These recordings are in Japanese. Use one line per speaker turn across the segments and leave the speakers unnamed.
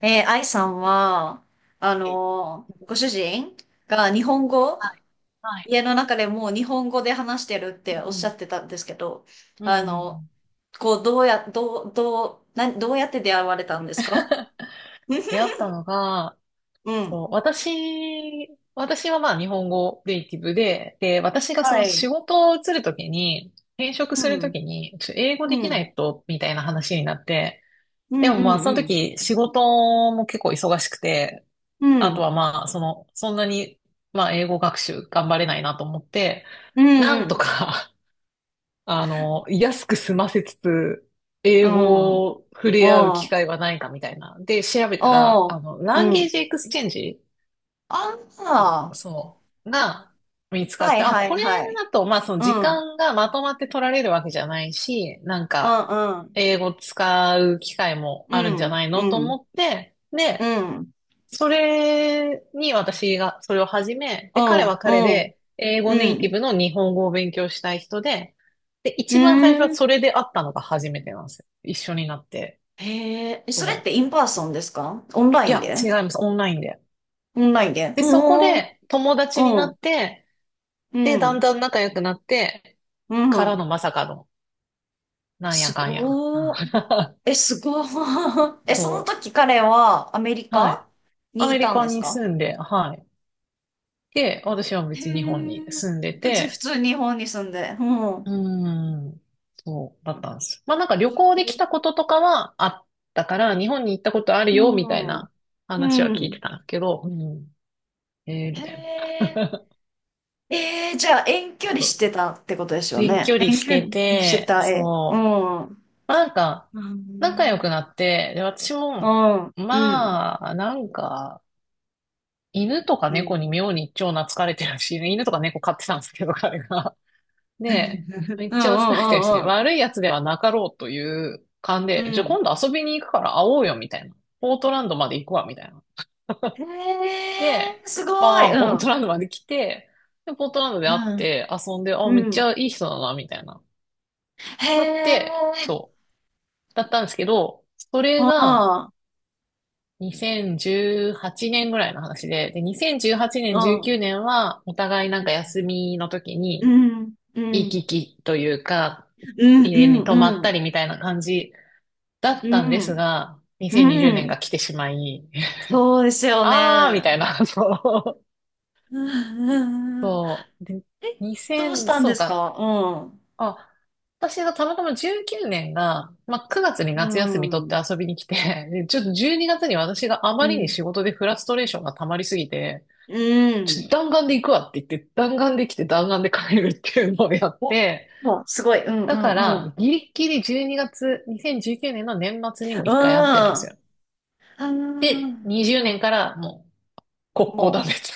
愛さんは、ご主人が日本語、
はい。はい。
家の中でもう日本語で話してるってお
う
っしゃ
ん
ってたんですけど、
うん。うん
あ
うんう
の、
ん。
こう、どうや、どう、どう、な、どうやって出会われたんですか？
出会ったのが、
うん。
そう、私はまあ日本語ネイティブで、私がそ
は
の
い。
仕事を移るときに、転職
う
すると
ん。
きに、英語
う
できな
ん。
いと、みたいな話になって、
う
で
ん。
もまあその
うん。
時仕事も結構忙しくて、
う
あと
ん。
はまあその、そんなにまあ英語学習頑張れないなと思って、
うん。
な
うん。う
んと
ん。
か 安く済ませつつ、英
うん。う
語を触れ合う
ん。
機
う
会はないかみたいな。で、調べたら、ランゲー
ん。
ジエクスチェンジ、
ああ。
そう、が見つかっ
は
て、
い
あ、
はい
これ
はい。
だと、まあ、その
う
時
ん。うん。
間がまとまって取られるわけじゃないし、なんか、
うん。
英語使う機会も
う
あるんじゃ
ん。
ない
う
のと
ん。
思って、
う
で、
ん。
それに私がそれを始め、
う
で、彼は
ん、
彼
うん、
で英語
う
ネイテ
ん。
ィブの日本語を勉強したい人で、で、
う
一番最初
ー
は
ん、
それで会ったのが初めてなんですよ。一緒になって。
へえ、それっ
そ
て
う。
インパーソンですか、オンラ
い
イン
や、
で？
違います。オンラインで。
オンラインで、
で、
う
そこ
ーん、
で友達にな
うん、
って、
う
で、だん
ん、
だん仲良くなって、
う
から
ん。
のまさかの、なんや
す
かんや。
ごー。え、すごー。え、その
そ
時彼はアメリ
う。はい。
カ
ア
に
メ
い
リ
たん
カ
です
に
か？
住んで、はい。で、私は
へえ、
別に日本に住んで
普通、普
て、
通日本に住んで。う
うー
ん。
ん、そうだったんです。まあなんか旅
す
行で
ご
来たこ
ー、
ととかはあったから、日本に行ったことある
う
よ、みたい
ん、
な話は
う
聞い
ん。
てたんだけど、うん、えー、
へ
みたいな。
え。ええ、じゃあ遠距離
そ
し
う、
てたってことですよ
遠距
ね。
離
遠
し
距
て
離して
て、
た絵。う
そう。
ん。
まあなんか、
う
仲良
ん。
くなって、で、私
う
も、
ん。うん。うん。
まあ、なんか、犬とか
うん。
猫に妙に超懐かれてるし、犬とか猫飼ってたんですけど、彼が。で、め
う
っちゃ懐かれてるし、
ん。
悪いやつではなかろうという勘
う
で、
ん。う
じゃあ
ん、
今度遊びに行くから会おうよ、みたいな。ポートランドまで行くわ、みたいな。
へえ、
で、
すご
バ
い。
ーン、
う
ポート
ん。
ランドまで来て、で、ポートランドで
う
会っ
ん。
て遊んで、あ、
う
めっち
ん。
ゃいい人だな、みたいな。
へ
なって、
え。
そう。だったんですけど、それ
あ
が
あ。
2018年ぐらいの話で、2018
う
年、19
ん。
年は、お互いなんか休みの時
う
に、
ん。う
行
ん。
き来というか、
うん。
家に泊ま
う
った
ん。
りみたいな感じだっ
うん。
たんですが、
う
2020
ん。
年
うん。
が来てしまい、
そうです よ
あーみ
ね。
たいな、そう。
うん。うん。うん、
そう。で、
え、どうし
2000、
たん
そ
で
う
す
か。
か？うん。
あ、私がたまたま19年が、まあ、9月に
う
夏休み取って
ん。
遊びに来て、で、ちょっと12月にがつに私があ
う
まりに
ん。
仕事でフラストレーションが溜まりすぎて、
う
ちょっ
ん。
と弾丸で行くわって言って、弾丸で来て弾丸で帰るっていうのをやっ
お、
て、
もう、すごい。うんう
だか
んうん。うん。
ら、ギリッギリ12月、2019年の年末にも一回会ってるんです
あ
よ。
ー
20年からも国交断
も
絶。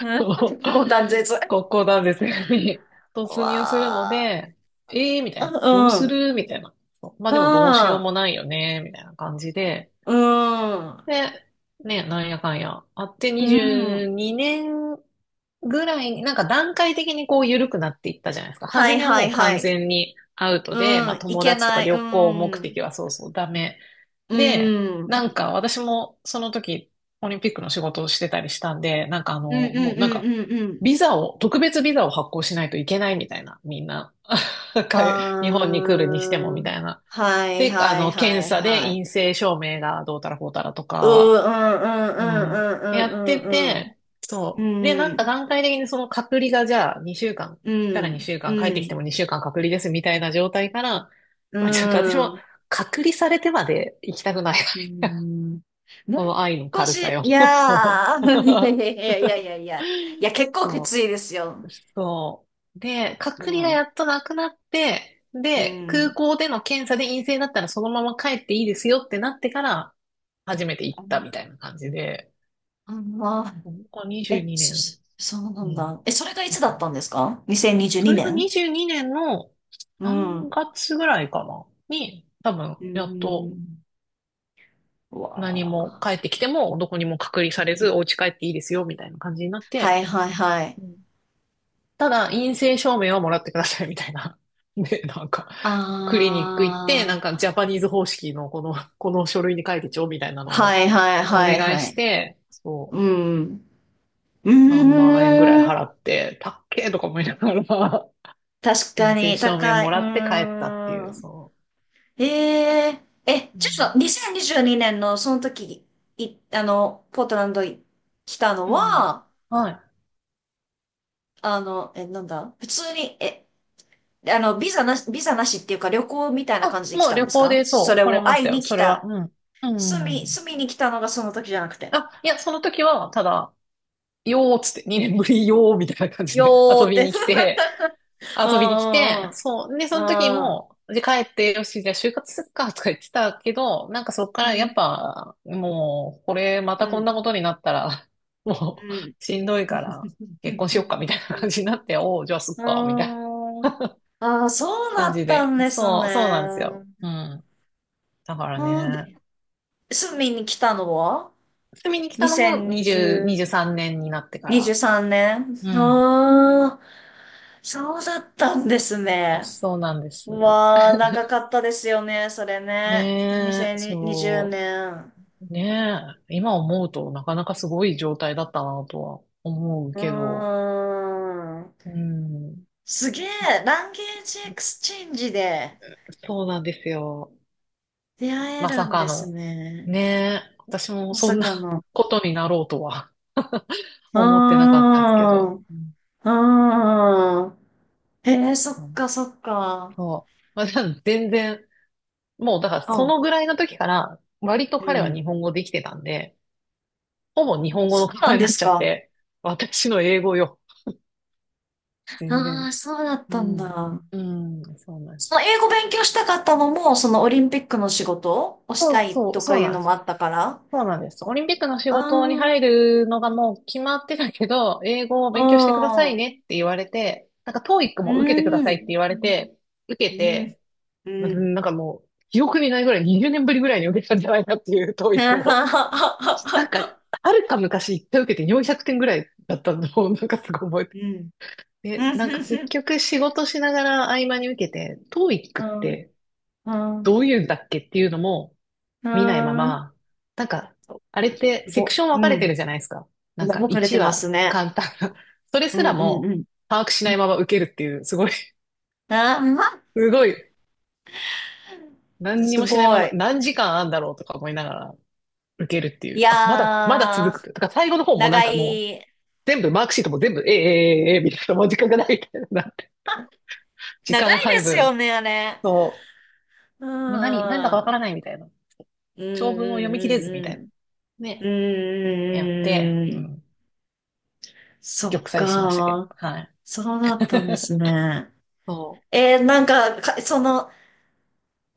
う、うん、
そう、
ここ断絶。わ
国交断絶に突入するの
あ。
で、えーみた
う
いな。どうす
ん。
るみたいな。そう、まあでもどうしよう
あ
もないよねみたいな感じで、
ー、
で、ね、なんやかんや、あって
うん。う
22
ん。
年ぐらいに、なんか段階的にこう緩くなっていったじゃないですか。
は
初
い
めは
は
も
い
う
は
完
い。
全にアウトで、
う
まあ
ん。い
友
け
達とか
ない。う
旅行目
ん。
的はそうそうダメ。
う
で、な
ん。
んか私もその時オリンピックの仕事をしてたりしたんで、なんか
うんうんう
もうなん
ん
か
うんうん。
ビザを、特別ビザを発行しないといけないみたいな、みんな。
あーもう、うん、断絶、わあ、うん、あー、う
か日本に来るにしても
ん、
み
うん、
たいな。
はい
で、
はいは
検
い
査で
はい。
陰性証明がどうたらこうたら
うー、うんうんうんうんうんうんうん、あー、はいはいは
とか、うん、やっ
い
て
はい、う
て、
う
そう。で、なんか
ん。
段階的にその隔離がじゃあ2週間、行っ
う
たら
ん、
2週
う
間、帰ってきて
ん、
も2週間隔離ですみたいな状態から、
う
まあ、ちょっと私も
ん、
隔離されてまで行きたくない
う
な。
ん。もう
この愛の
少
軽
し、
さよ。
い
そ
や
う。
ー、いやいやいやいやい やいや、いや、結構きつ
そ
いですよ。
うそう。で、隔
う
離がや
ん、
っとなくなって、
う
で、空
ん。
港での検査で陰性だったらそのまま帰っていいですよってなってから、初めて行っ
あ、
たみたいな感じで、
あ、まあ、
ここ22
え、
年、
そ、そそうな
う
ん
ん。
だ。え、それがい
う
つだっ
ん。
たんですか？
そ
2022
れが
年？
22年の
うん。
3
う
月ぐらいかな、に、多分、
ー
やっと
ん。う
何
わ
も
あ。
帰ってきても、どこにも隔離されず、お家帰っていいですよみたいな感じになっ
はい
て、
はいはい。
ただ陰性証明はもらってくださいみたいな。で、なんか、クリニック行って、
あ
なんか
あ。
ジャパニーズ方式のこの、この書類に書いてちょうみたいなの
は
を
いはい
お
はい
願い
は
し
い。
て、そ
う
う、
ん。う
3
ー
万円ぐらい
ん。
払って、たっけーとか思いながら、
確か
陰性
に
証明
高
も
い、う
らって帰ったっていう、
ん、
そ
へえ、え、
う。う
ちょっ
ん。
と、二千二十二年のその時あのポートランド来たの
うん。
は、
はい。
あのえ、なんだ、普通にえ、あのビザなしビザなしっていうか旅行みたいな感
あ、
じで来
もう
たん
旅
です
行
か？
で
そ
そう、
れ
来れ
も
まし
会い
たよ。
に来
それは。
た、
うん。うん。
住
う
み
ん。
住みに来たのがその時じゃなくて、
あ、いや、その時は、ただ、よーっつって、2年ぶりよーみたいな感じで遊
よっ
び
て、
に来て、
う
遊びに来
ん
て、そう。で、
う
その時
んうん
も、で、帰って、よし、じゃあ就活すっか、とか言ってたけど、なんかそっか
う
ら
ん
や
うん
っぱ、もう、これ、ま
う
たこん
ん
なことになったら、も
うん
う、しんどい
う
から、結
ん
婚しよっか、みたいな
う
感
ん
じになって、おう、じゃあす
う
っか、みたいな
ん。ああ、そうだ
感
っ
じ
た
で。
んです
そ
ね。
う、そうなんですよ。うん。だから
うん、で、
ね、
住みに来たのは？
住みに来たのが20、
2020、
23年になってか
23
ら。
年
うん。
ああ、そうだったんですね。
そうなんです。
わあ、長かったですよね、それね。
ねえ、
2020
そ
年。
う。ねえ、今思うとなかなかすごい状態だったなとは思う
うー
けど、
ん。
うん、
すげえ、ランゲージエクスチェンジで
そうなんですよ。
出会え
ま
る
さ
ん
か
です
の。
ね。
ねえ、私も
ま
そ
さ
んな
かの。
ことになろうとは
うー
思ってなかったですけ
ん。
ど。
う
うん。
ーん。へえ、そっかそっか。
そう。まあ、じゃあ全然、もうだから
う
そ
ん、
のぐらいの時から割と
う
彼は
ん。
日本語できてたんで、ほぼ日本語の
そ
会
うな
話
ん
に
で
なっ
す
ちゃっ
か。
て、私の英語よ。全
あ
然。
あ、そうだっ
う
たん
ん。
だ。
うん、そうなんで
そ
す。
の英語勉強したかったのも、そのオリンピックの仕事をし
そ
た
う
い
そう、
とか
そう
いう
なん
の
で
も
す。
あったから。
そうなんです。オ
う
リンピックの仕
ん
事に
う
入るのがもう決まってたけど、英語を勉強してくださ
ん、
い
うん、
ねって言われて、なんか TOEIC も受けてくださいって言われて、受け
うん、うん。
て、うん、なんかもう、記憶にないぐらい20年ぶりぐらいに受けたんじゃないかっていう
うん。う
TOEIC
ん。
を。なんか、はるか昔一回受けて400点ぐらいだったのを、なんかすごい覚
う
えて。で、なんか結局仕事しながら合間に受けて、TOEIC って
ん。
どういうんだっけっていうのも、
う
見ないま
ん。
ま、なんか、あれって
す
セク
ご、
ション分
う
かれて
ん。
るじゃないですか。なんか、
動かれて
1
ま
は
すね。
簡単な。それ
う
す
ん、
ら
うん、う
も
ん。
把握し
う
ない
ん。
まま受けるっていう、すごい、
ああ、
すごい、何に
す
もしない
ご
まま、
い。
何時間あんだろうとか思いながら受けるってい
い
う。あ、まだ、まだ
や
続くっ
ー、
て。だから最後の方もなん
長
かもう、
い、
全部、マークシートも全部、ええええええみたいな、もう時間がないみたいな。時間
長いで
配
すよ
分。
ね、あれ。
そ
う
う。もう何、何だかわ
ー
か
ん。
らないみたいな。
う
長
ん
文を読み切れずみたい
うん
な。
うんうん。うんう
ね。やっ
ん
て、
うんう
う
ん。
ん。
そ
玉
っ
砕しましたけど。
か。
はい。
そうだったんですね。
そう。
えー、なんか、その、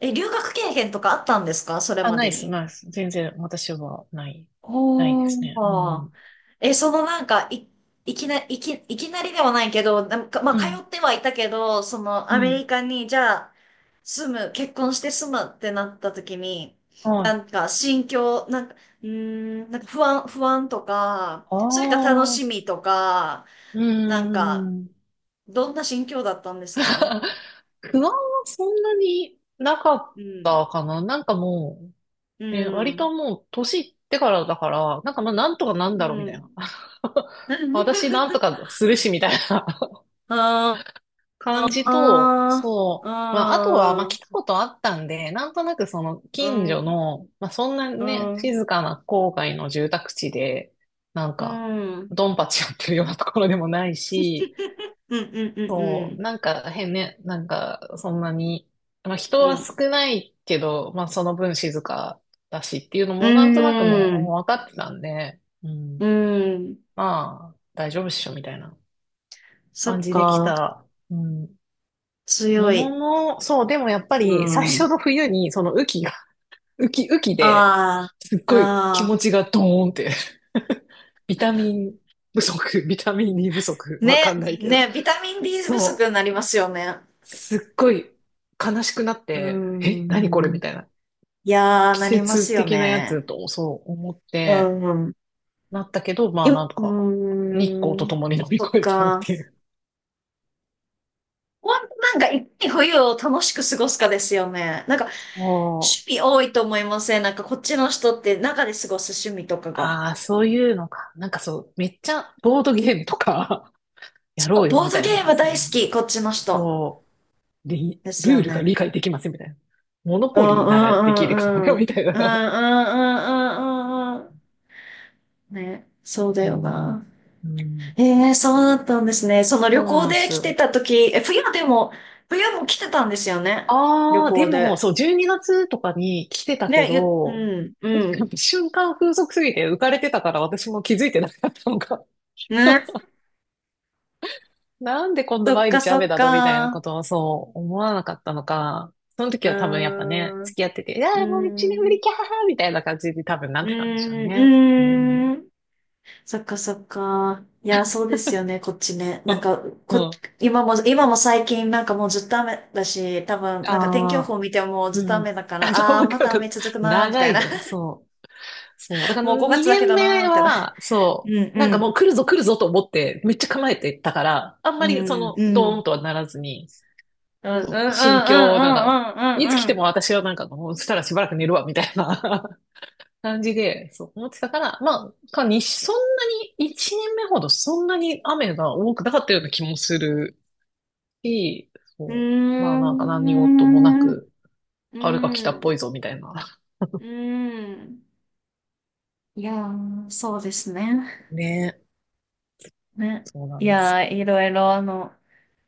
え、留学経験とかあったんですか、それ
あ、
ま
ない
で
です、
に。
ないです。全然私はない、ないで
お
すね。う
ー。
ん。
え、そのなんか、いきなりではないけど、なんか、まあ、
う
通っ
ん。
てはいたけど、その、
う
アメ
ん。
リカに、じゃあ、住む、結婚して住むってなった時に、
は
な
い。
んか、心境、なんか、うーん、なんか不安、不安とか、
あ
それか楽
あ、う
しみとか、
ー
なんか、
ん。
どんな心境だったんですか？
不安はそんなになかっ
うん。
たかな。なんかも
う
う、ね、割と
ん。
もう年いってからだから、なんかまあなんとかなん
う
だろうみた
ん。
いな。私なんと かするしみたいな
あ
感じと、
あ、
そう。まあ、あとは、まあ、
うん。
来たことあったんで、なんとなくその
う
近
ん。
所の、まあ、そんな
う
ね、
ん。
静かな郊外の住宅地で、なん
う
か、
ん。うん
ドンパチやってるようなところでもないし、
うんう
そう、
ん
なんか変ね、なんか、そんなに、まあ、人
う
は少
ん。
ないけど、まあ、その分静かだしっていうの
う
も、なん
ん。
となく
うん。う
も
ん
う分かってたんで、う
う
ん、
ん、
まあ、大丈夫っしょ、みたいな
そ
感
っ
じで来
か。
た。うん。も
強
の
い。
の、そう、でもやっぱ
う
り最
ん。あ
初の冬にその雨季が、雨季で、
あ。
すっ
あ
ごい気持
あ。
ちがドーンって、 ビタミンビタミン D 不足、わか
ね。
んないけど。
ね。ビタミン D 不足
そ
に
う。
なりますよね。
すっごい悲しくなっ
う
て、え、何これ
ん。
みたいな。
いやー、
季
なります
節
よ
的なや
ね。
つと、そう思っ
う
て、
ん。
なったけど、まあな
よ、
ん
う
か、日光
ー
と
ん。
共に乗り
そっ
越えたっ
か。
ていう。
ほんとなんか、いかに冬を楽しく過ごすかですよね。なんか、趣
もう、
味多いと思いません、なんか、こっちの人って中で過ごす趣味とかが。
ああ、そういうのか。なんかそう、めっちゃボードゲームとかや
そ
ろ
う、
うよ
ボー
み
ド
たい
ゲ
な
ー
んで
ム
す
大
よ。
好き、こっちの人。
そう、
です
ル
よ
ールが理
ね。
解できませんみたいな。モノ
う
ポリ
ん
ー
う
ならできるからよ
んうんう
み
ん。
たい
うんう
な。
んうんうんうんうん。ね、そうだ
う
よ
ん、
な。
うん、
ええ、そうだったんですね。その
そ
旅
う
行
なんで
で来て
す。
た時、え、冬でも、冬も来てたんですよね。旅
ああ、で
行
も、
で。
そう、12月とかに来てたけ
ね、う
ど、
ん、う
なんか
ん。
瞬間風速すぎて浮かれてたから私も気づいてなかったのか。
ね、
なんで今度
そっ
毎
か
日
そっ
雨だのみたいな
か。
ことをそう思わなかったのか。その時
う
は多分やっぱね、
ーん、う
付き合ってて、いやーもう一
ー
年ぶ
ん、
りキャーみたいな感じで多分な
う
っ
ー
てたんでしょうね。うん。
ん、うーん。そっかそっか。いや、そうですよね、こっちね。
う
なん
ん。
か、こ、
あ
今も、今も最近なんかもうずっと雨だし、多分なんか天気予
あ、
報見ても
う
ずっと
ん。
雨だか
あ、そう、
ら、あー、
わ
ま
かる
た雨
か
続くなー、み
長
たい
い
な。
ね。そう。そう。だ から
もう5月だ
2
け
年
どなー、
目
みたいな。
は、そ
う
う。なんかもう
ん
来るぞ来るぞと思って、めっちゃ構えてたから、あん
う
まりそ
ん。う
の、
んう
ドー
ん。
ンとはならずに、
うんうんう
そ
ん
う、
う
心
ん
境、なんか、いつ来
う
ても
ん
私はなんか、もうしたらしばらく寝るわ、みたいな 感じで、そう思ってたから、まあ、かに、そんなに、1年目ほどそんなに雨が多くなかったような気もするし、
う
そう。まあなんか何事もな
んうんうん。
く、
うー
春が来たっ
ん。うー
ぽ
ん。
いぞ、みたいな。
うーん。いやー、そうですね。
ねえ、
ね。
そうな
い
んで
や
すよ。
ー、いろいろ、あの、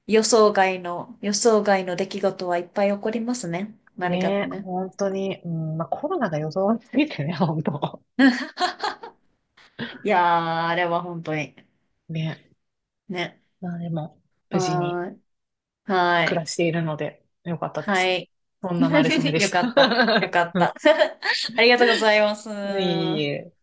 予想外の、予想外の出来事はいっぱい起こりますね、何か
ねえ、
ね。
本当に、うん、まあ、コロナが予想すぎてね、本当。
いやー、あれは本当に。
ね
ね。
え、まあでも、無事に
はーい。は
暮
い。
らしているので、よかったで
は
す。
い。
そんな馴れ初め で
よ
し
かった。よ
た。
かっ
う
た。
ん。
ありがとうございま
いえ
す。
いえ。